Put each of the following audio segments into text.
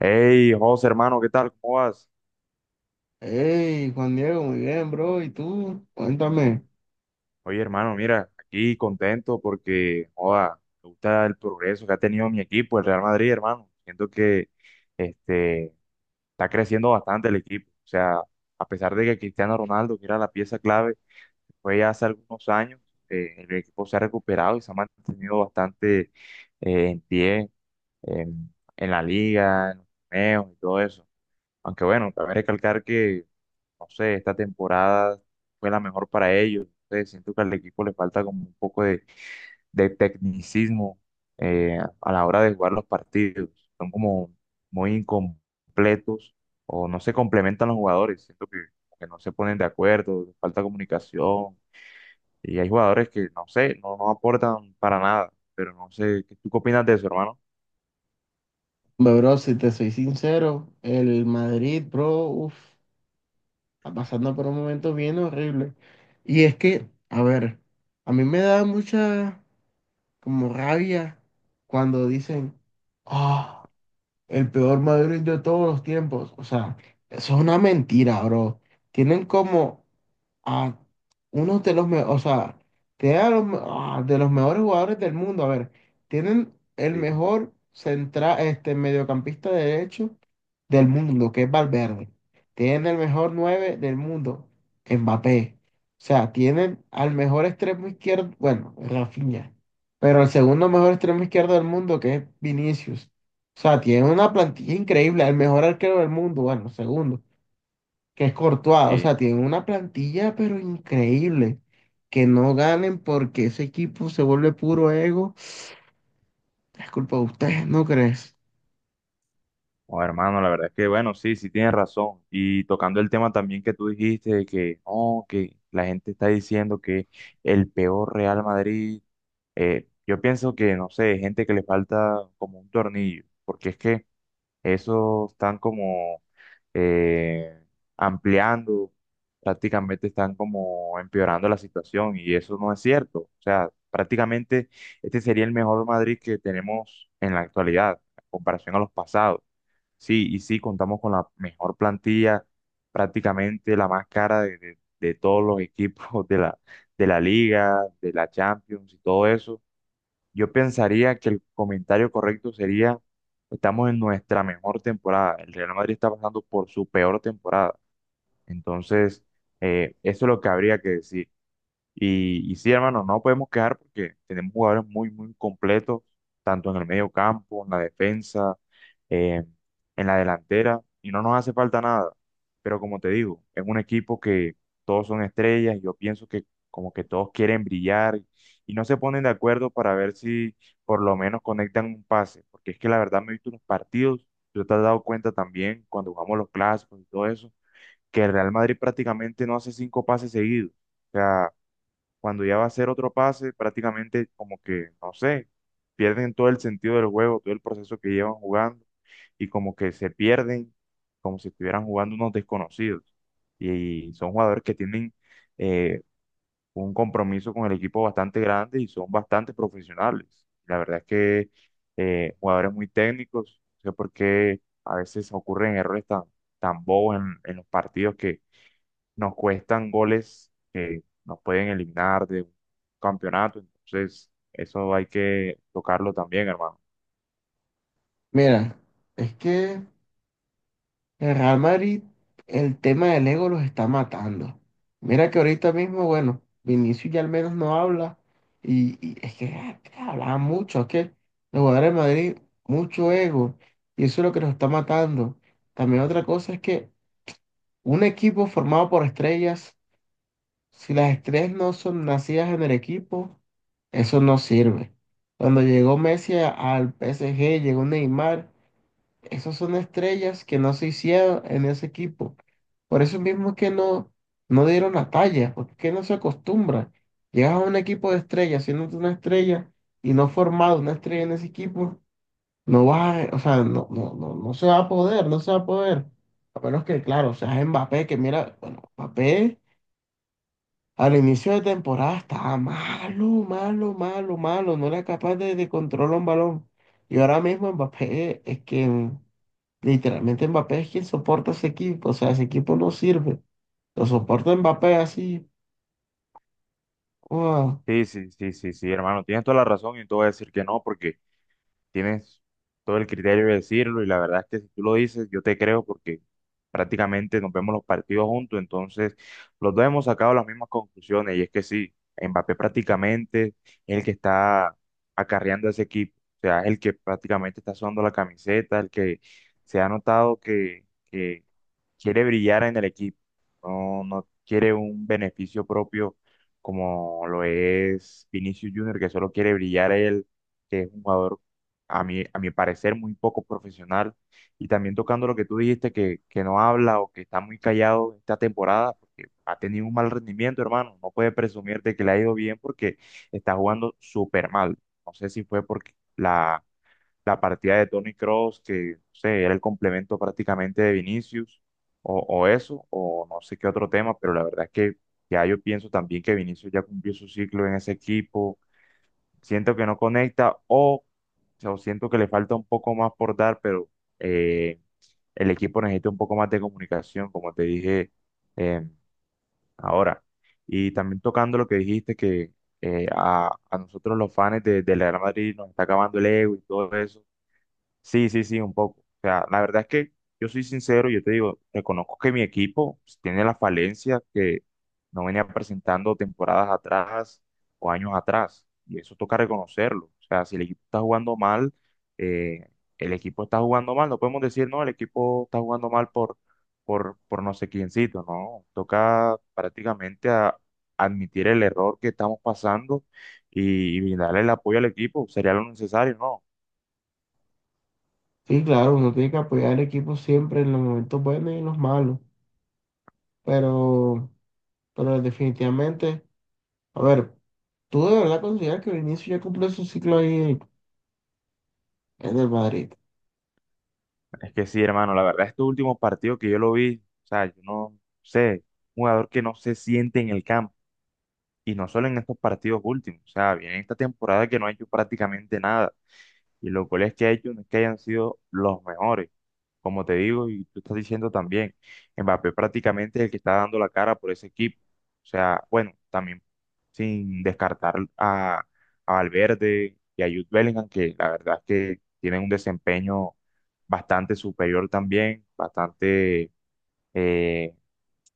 Hey, José, hermano, ¿qué tal? ¿Cómo vas? Hey, Juan Diego, muy bien, bro. ¿Y tú? Cuéntame. Oye, hermano, mira, aquí contento porque, joda, me gusta el progreso que ha tenido mi equipo, el Real Madrid, hermano. Siento que este, está creciendo bastante el equipo. O sea, a pesar de que Cristiano Ronaldo, que era la pieza clave, fue ya hace algunos años, el equipo se ha recuperado y se ha mantenido bastante en pie, en la liga, en los torneos y todo eso. Aunque bueno, también recalcar que no sé, esta temporada fue la mejor para ellos. No sé, siento que al equipo le falta como un poco de tecnicismo a la hora de jugar los partidos. Son como muy incompletos o no se complementan los jugadores. Siento que no se ponen de acuerdo, falta comunicación. Y hay jugadores que, no sé, no aportan para nada. Pero no sé, ¿tú qué opinas de eso, hermano? Hombre, bro, si te soy sincero, el Madrid, bro, uff, está pasando por un momento bien horrible. Y es que, a ver, a mí me da mucha como rabia cuando dicen, ah, el peor Madrid de todos los tiempos. O sea, eso es una mentira, bro. Tienen como a uno de los mejores, o sea, tiene a los, de los mejores jugadores del mundo. A ver, tienen el Sí, mejor central, este mediocampista derecho del mundo, que es Valverde. Tienen el mejor 9 del mundo, Mbappé. O sea, tienen al mejor extremo izquierdo, bueno, Rafinha, pero el segundo mejor extremo izquierdo del mundo, que es Vinicius. O sea, tienen una plantilla increíble, el mejor arquero del mundo, bueno, segundo, que es Courtois. O sí. sea, tienen una plantilla pero increíble. Que no ganen, porque ese equipo se vuelve puro ego, es culpa de ustedes, ¿no crees? Oh, hermano, la verdad es que, bueno, sí, sí tienes razón. Y tocando el tema también que tú dijiste de que, oh, que la gente está diciendo que el peor Real Madrid, yo pienso que, no sé, gente que le falta como un tornillo, porque es que eso están como eh, ampliando, prácticamente están como empeorando la situación y eso no es cierto. O sea, prácticamente este sería el mejor Madrid que tenemos en la actualidad, en comparación a los pasados. Sí, y sí, contamos con la mejor plantilla, prácticamente la más cara de todos los equipos de de la Liga, de la Champions y todo eso. Yo pensaría que el comentario correcto sería, estamos en nuestra mejor temporada. El Real Madrid está pasando por su peor temporada. Entonces, eso es lo que habría que decir. Y sí, hermano, no podemos quejar porque tenemos jugadores muy, muy completos, tanto en el medio campo, en la defensa, eh, en la delantera, y no nos hace falta nada. Pero como te digo, es un equipo que todos son estrellas, y yo pienso que como que todos quieren brillar y no se ponen de acuerdo para ver si por lo menos conectan un pase, porque es que la verdad me he visto unos partidos, tú te has dado cuenta también cuando jugamos los clásicos y todo eso, que el Real Madrid prácticamente no hace cinco pases seguidos. O sea, cuando ya va a hacer otro pase, prácticamente como que, no sé, pierden todo el sentido del juego, todo el proceso que llevan jugando y como que se pierden, como si estuvieran jugando unos desconocidos. Y son jugadores que tienen eh, un compromiso con el equipo bastante grande y son bastante profesionales. La verdad es que jugadores muy técnicos, no sé por qué a veces ocurren errores tan, tan bobos en los partidos nos cuestan goles que nos pueden eliminar de un campeonato. Entonces, eso hay que tocarlo también, hermano. Mira, es que el Real Madrid, el tema del ego los está matando. Mira que ahorita mismo, bueno, Vinicius ya al menos no habla, y es que hablaba mucho. Es que los jugadores de Madrid, mucho ego, y eso es lo que los está matando. También otra cosa es que un equipo formado por estrellas: si las estrellas no son nacidas en el equipo, eso no sirve. Cuando llegó Messi al PSG, llegó Neymar, esas son estrellas que no se hicieron en ese equipo. Por eso mismo es que no, no dieron la talla, porque es que no se acostumbra. Llegas a un equipo de estrellas, siendo tú una estrella y no formado una estrella en ese equipo, no vas a, o sea, no, no, no, no se va a poder, no se va a poder. A menos que, claro, seas Mbappé, que mira, bueno, Mbappé. Al inicio de temporada estaba malo, malo, malo, malo. No era capaz de controlar un balón. Y ahora mismo Mbappé es quien, literalmente, Mbappé es quien soporta ese equipo. O sea, ese equipo no sirve. Lo soporta Mbappé así. ¡Guau! Sí, sí, sí, sí, sí, hermano. Tienes toda la razón y no te voy a decir que no, porque tienes todo el criterio de decirlo y la verdad es que si tú lo dices, yo te creo porque prácticamente nos vemos los partidos juntos, entonces los dos hemos sacado las mismas conclusiones y es que sí, Mbappé prácticamente es el que está acarreando a ese equipo, o sea, es el que prácticamente está sudando la camiseta, el que se ha notado que, quiere brillar en el equipo, no quiere un beneficio propio como lo es Vinicius Junior, que solo quiere brillar él, que es un jugador, a mi parecer, muy poco profesional. Y también tocando lo que tú dijiste, que no habla o que está muy callado esta temporada, porque ha tenido un mal rendimiento, hermano. No puede presumir de que le ha ido bien porque está jugando súper mal. No sé si fue porque la partida de Tony Cross que, no sé, era el complemento prácticamente de Vinicius, o eso, o no sé qué otro tema, pero la verdad es que ya yo pienso también que Vinicius ya cumplió su ciclo en ese equipo, siento que no conecta, o siento que le falta un poco más por dar, pero eh, el equipo necesita un poco más de comunicación, como te dije eh, ahora. Y también tocando lo que dijiste, que a nosotros los fans del Real Madrid nos está acabando el ego y todo eso. Sí, sí, sí, un poco. O sea, la verdad es que yo soy sincero, yo te digo, reconozco que mi equipo pues, tiene la falencia que no venía presentando temporadas atrás o años atrás, y eso toca reconocerlo. O sea, si el equipo está jugando mal, eh, el equipo está jugando mal, no podemos decir, no, el equipo está jugando mal por no sé quiéncito, no. Toca prácticamente admitir el error que estamos pasando y darle el apoyo al equipo, sería lo necesario, ¿no? Sí, claro, uno tiene que apoyar al equipo siempre en los momentos buenos y en los malos. Pero, definitivamente, a ver, ¿tú de verdad consideras que el inicio ya cumplió su ciclo ahí en el Madrid? Es que sí, hermano, la verdad, este último partido que yo lo vi, o sea, yo no sé, un jugador que no se siente en el campo, y no solo en estos partidos últimos, o sea, viene esta temporada que no ha hecho prácticamente nada. Y los goles que ha hecho no es que hayan sido los mejores, como te digo, y tú estás diciendo también, Mbappé prácticamente es el que está dando la cara por ese equipo. O sea, bueno, también sin descartar a Valverde y a Jude Bellingham, que la verdad es que tienen un desempeño bastante superior también, bastante eh,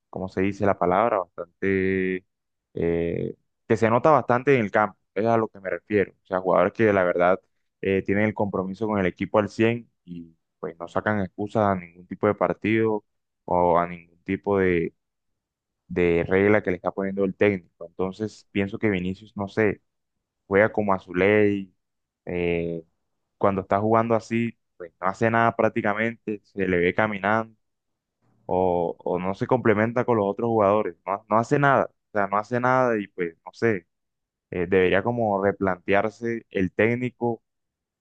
como se dice la palabra? Bastante, eh, que se nota bastante en el campo, es a lo que me refiero. O sea, jugadores que la verdad tienen el compromiso con el equipo al 100 y pues no sacan excusas a ningún tipo de partido o a ningún tipo de regla que le está poniendo el técnico. Entonces, pienso que Vinicius, no sé, juega como a su ley, eh, cuando está jugando así, pues no hace nada prácticamente, se le ve caminando o no se complementa con los otros jugadores, no hace nada, o sea, no hace nada y pues no sé, debería como replantearse el técnico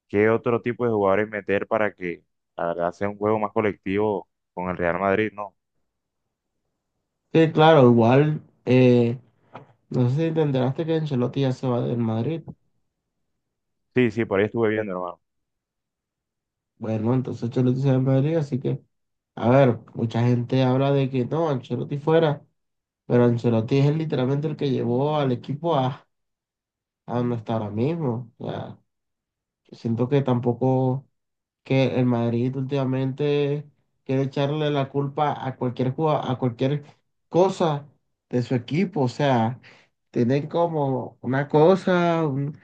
qué otro tipo de jugadores meter para que la verdad sea un juego más colectivo con el Real Madrid, ¿no? Sí, claro, igual. No sé si te enteraste que Ancelotti ya se va del Madrid. Sí, sí, por ahí estuve viendo, hermano. Bueno, entonces Ancelotti se va del Madrid, así que, a ver, mucha gente habla de que no, Ancelotti fuera, pero Ancelotti es literalmente el que llevó al equipo a, donde está ahora mismo. O sea, siento que tampoco, que el Madrid últimamente quiere echarle la culpa a cualquier jugada, a cualquier cosa de su equipo. O sea, tienen como una cosa, un,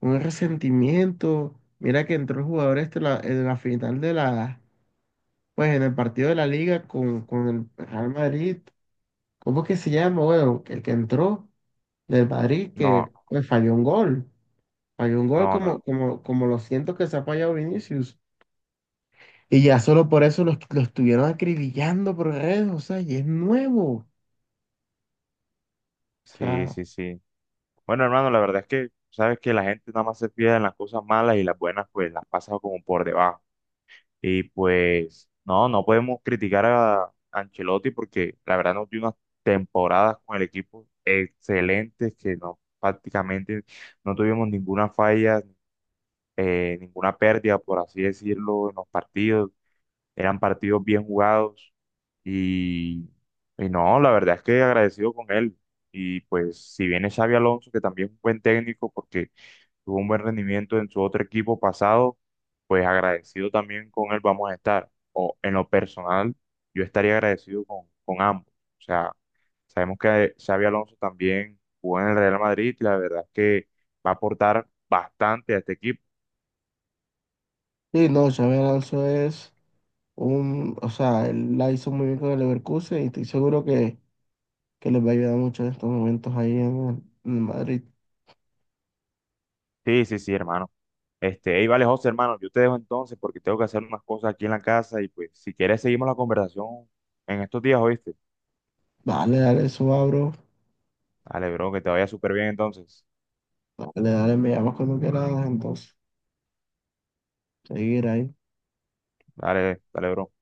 un resentimiento. Mira que entró el jugador este en la final de la, pues, en el partido de la liga con el Real Madrid. ¿Cómo que se llama? Bueno, el que entró del Madrid, que No, pues, falló un gol. Falló un gol no, como, como, como lo siento que se ha fallado Vinicius. Y ya solo por eso los estuvieron acribillando por redes, o sea, y es nuevo. O sí, sea, sí, sí. Bueno, hermano, la verdad es que sabes que la gente nada más se fija en las cosas malas y las buenas pues las pasa como por debajo. Y pues, no podemos criticar a Ancelotti porque la verdad nos dio unas temporadas con el equipo excelentes que no, prácticamente no tuvimos ninguna falla, ninguna pérdida, por así decirlo, en los partidos. Eran partidos bien jugados y, y no, la verdad es que agradecido con él. Y pues si viene Xavi Alonso, que también es un buen técnico porque tuvo un buen rendimiento en su otro equipo pasado, pues agradecido también con él vamos a estar. O en lo personal, yo estaría agradecido con ambos. O sea, sabemos que Xavi Alonso también jugó en el Real Madrid y la verdad es que va a aportar bastante a este equipo. sí, no, Xabi Alonso es un, o sea, él la hizo muy bien con el Leverkusen y estoy seguro que les va a ayudar mucho en estos momentos ahí en, en Madrid. Sí, sí, sí, hermano. Este, hey, vale, José, hermano, yo te dejo entonces porque tengo que hacer unas cosas aquí en la casa y pues si quieres seguimos la conversación en estos días, ¿oíste? Dale, dale, eso abro. Dale, bro, que te vaya súper bien entonces. Dale, dale, me llamas cuando quieras, entonces, seguir ahí. Dale, dale, bro.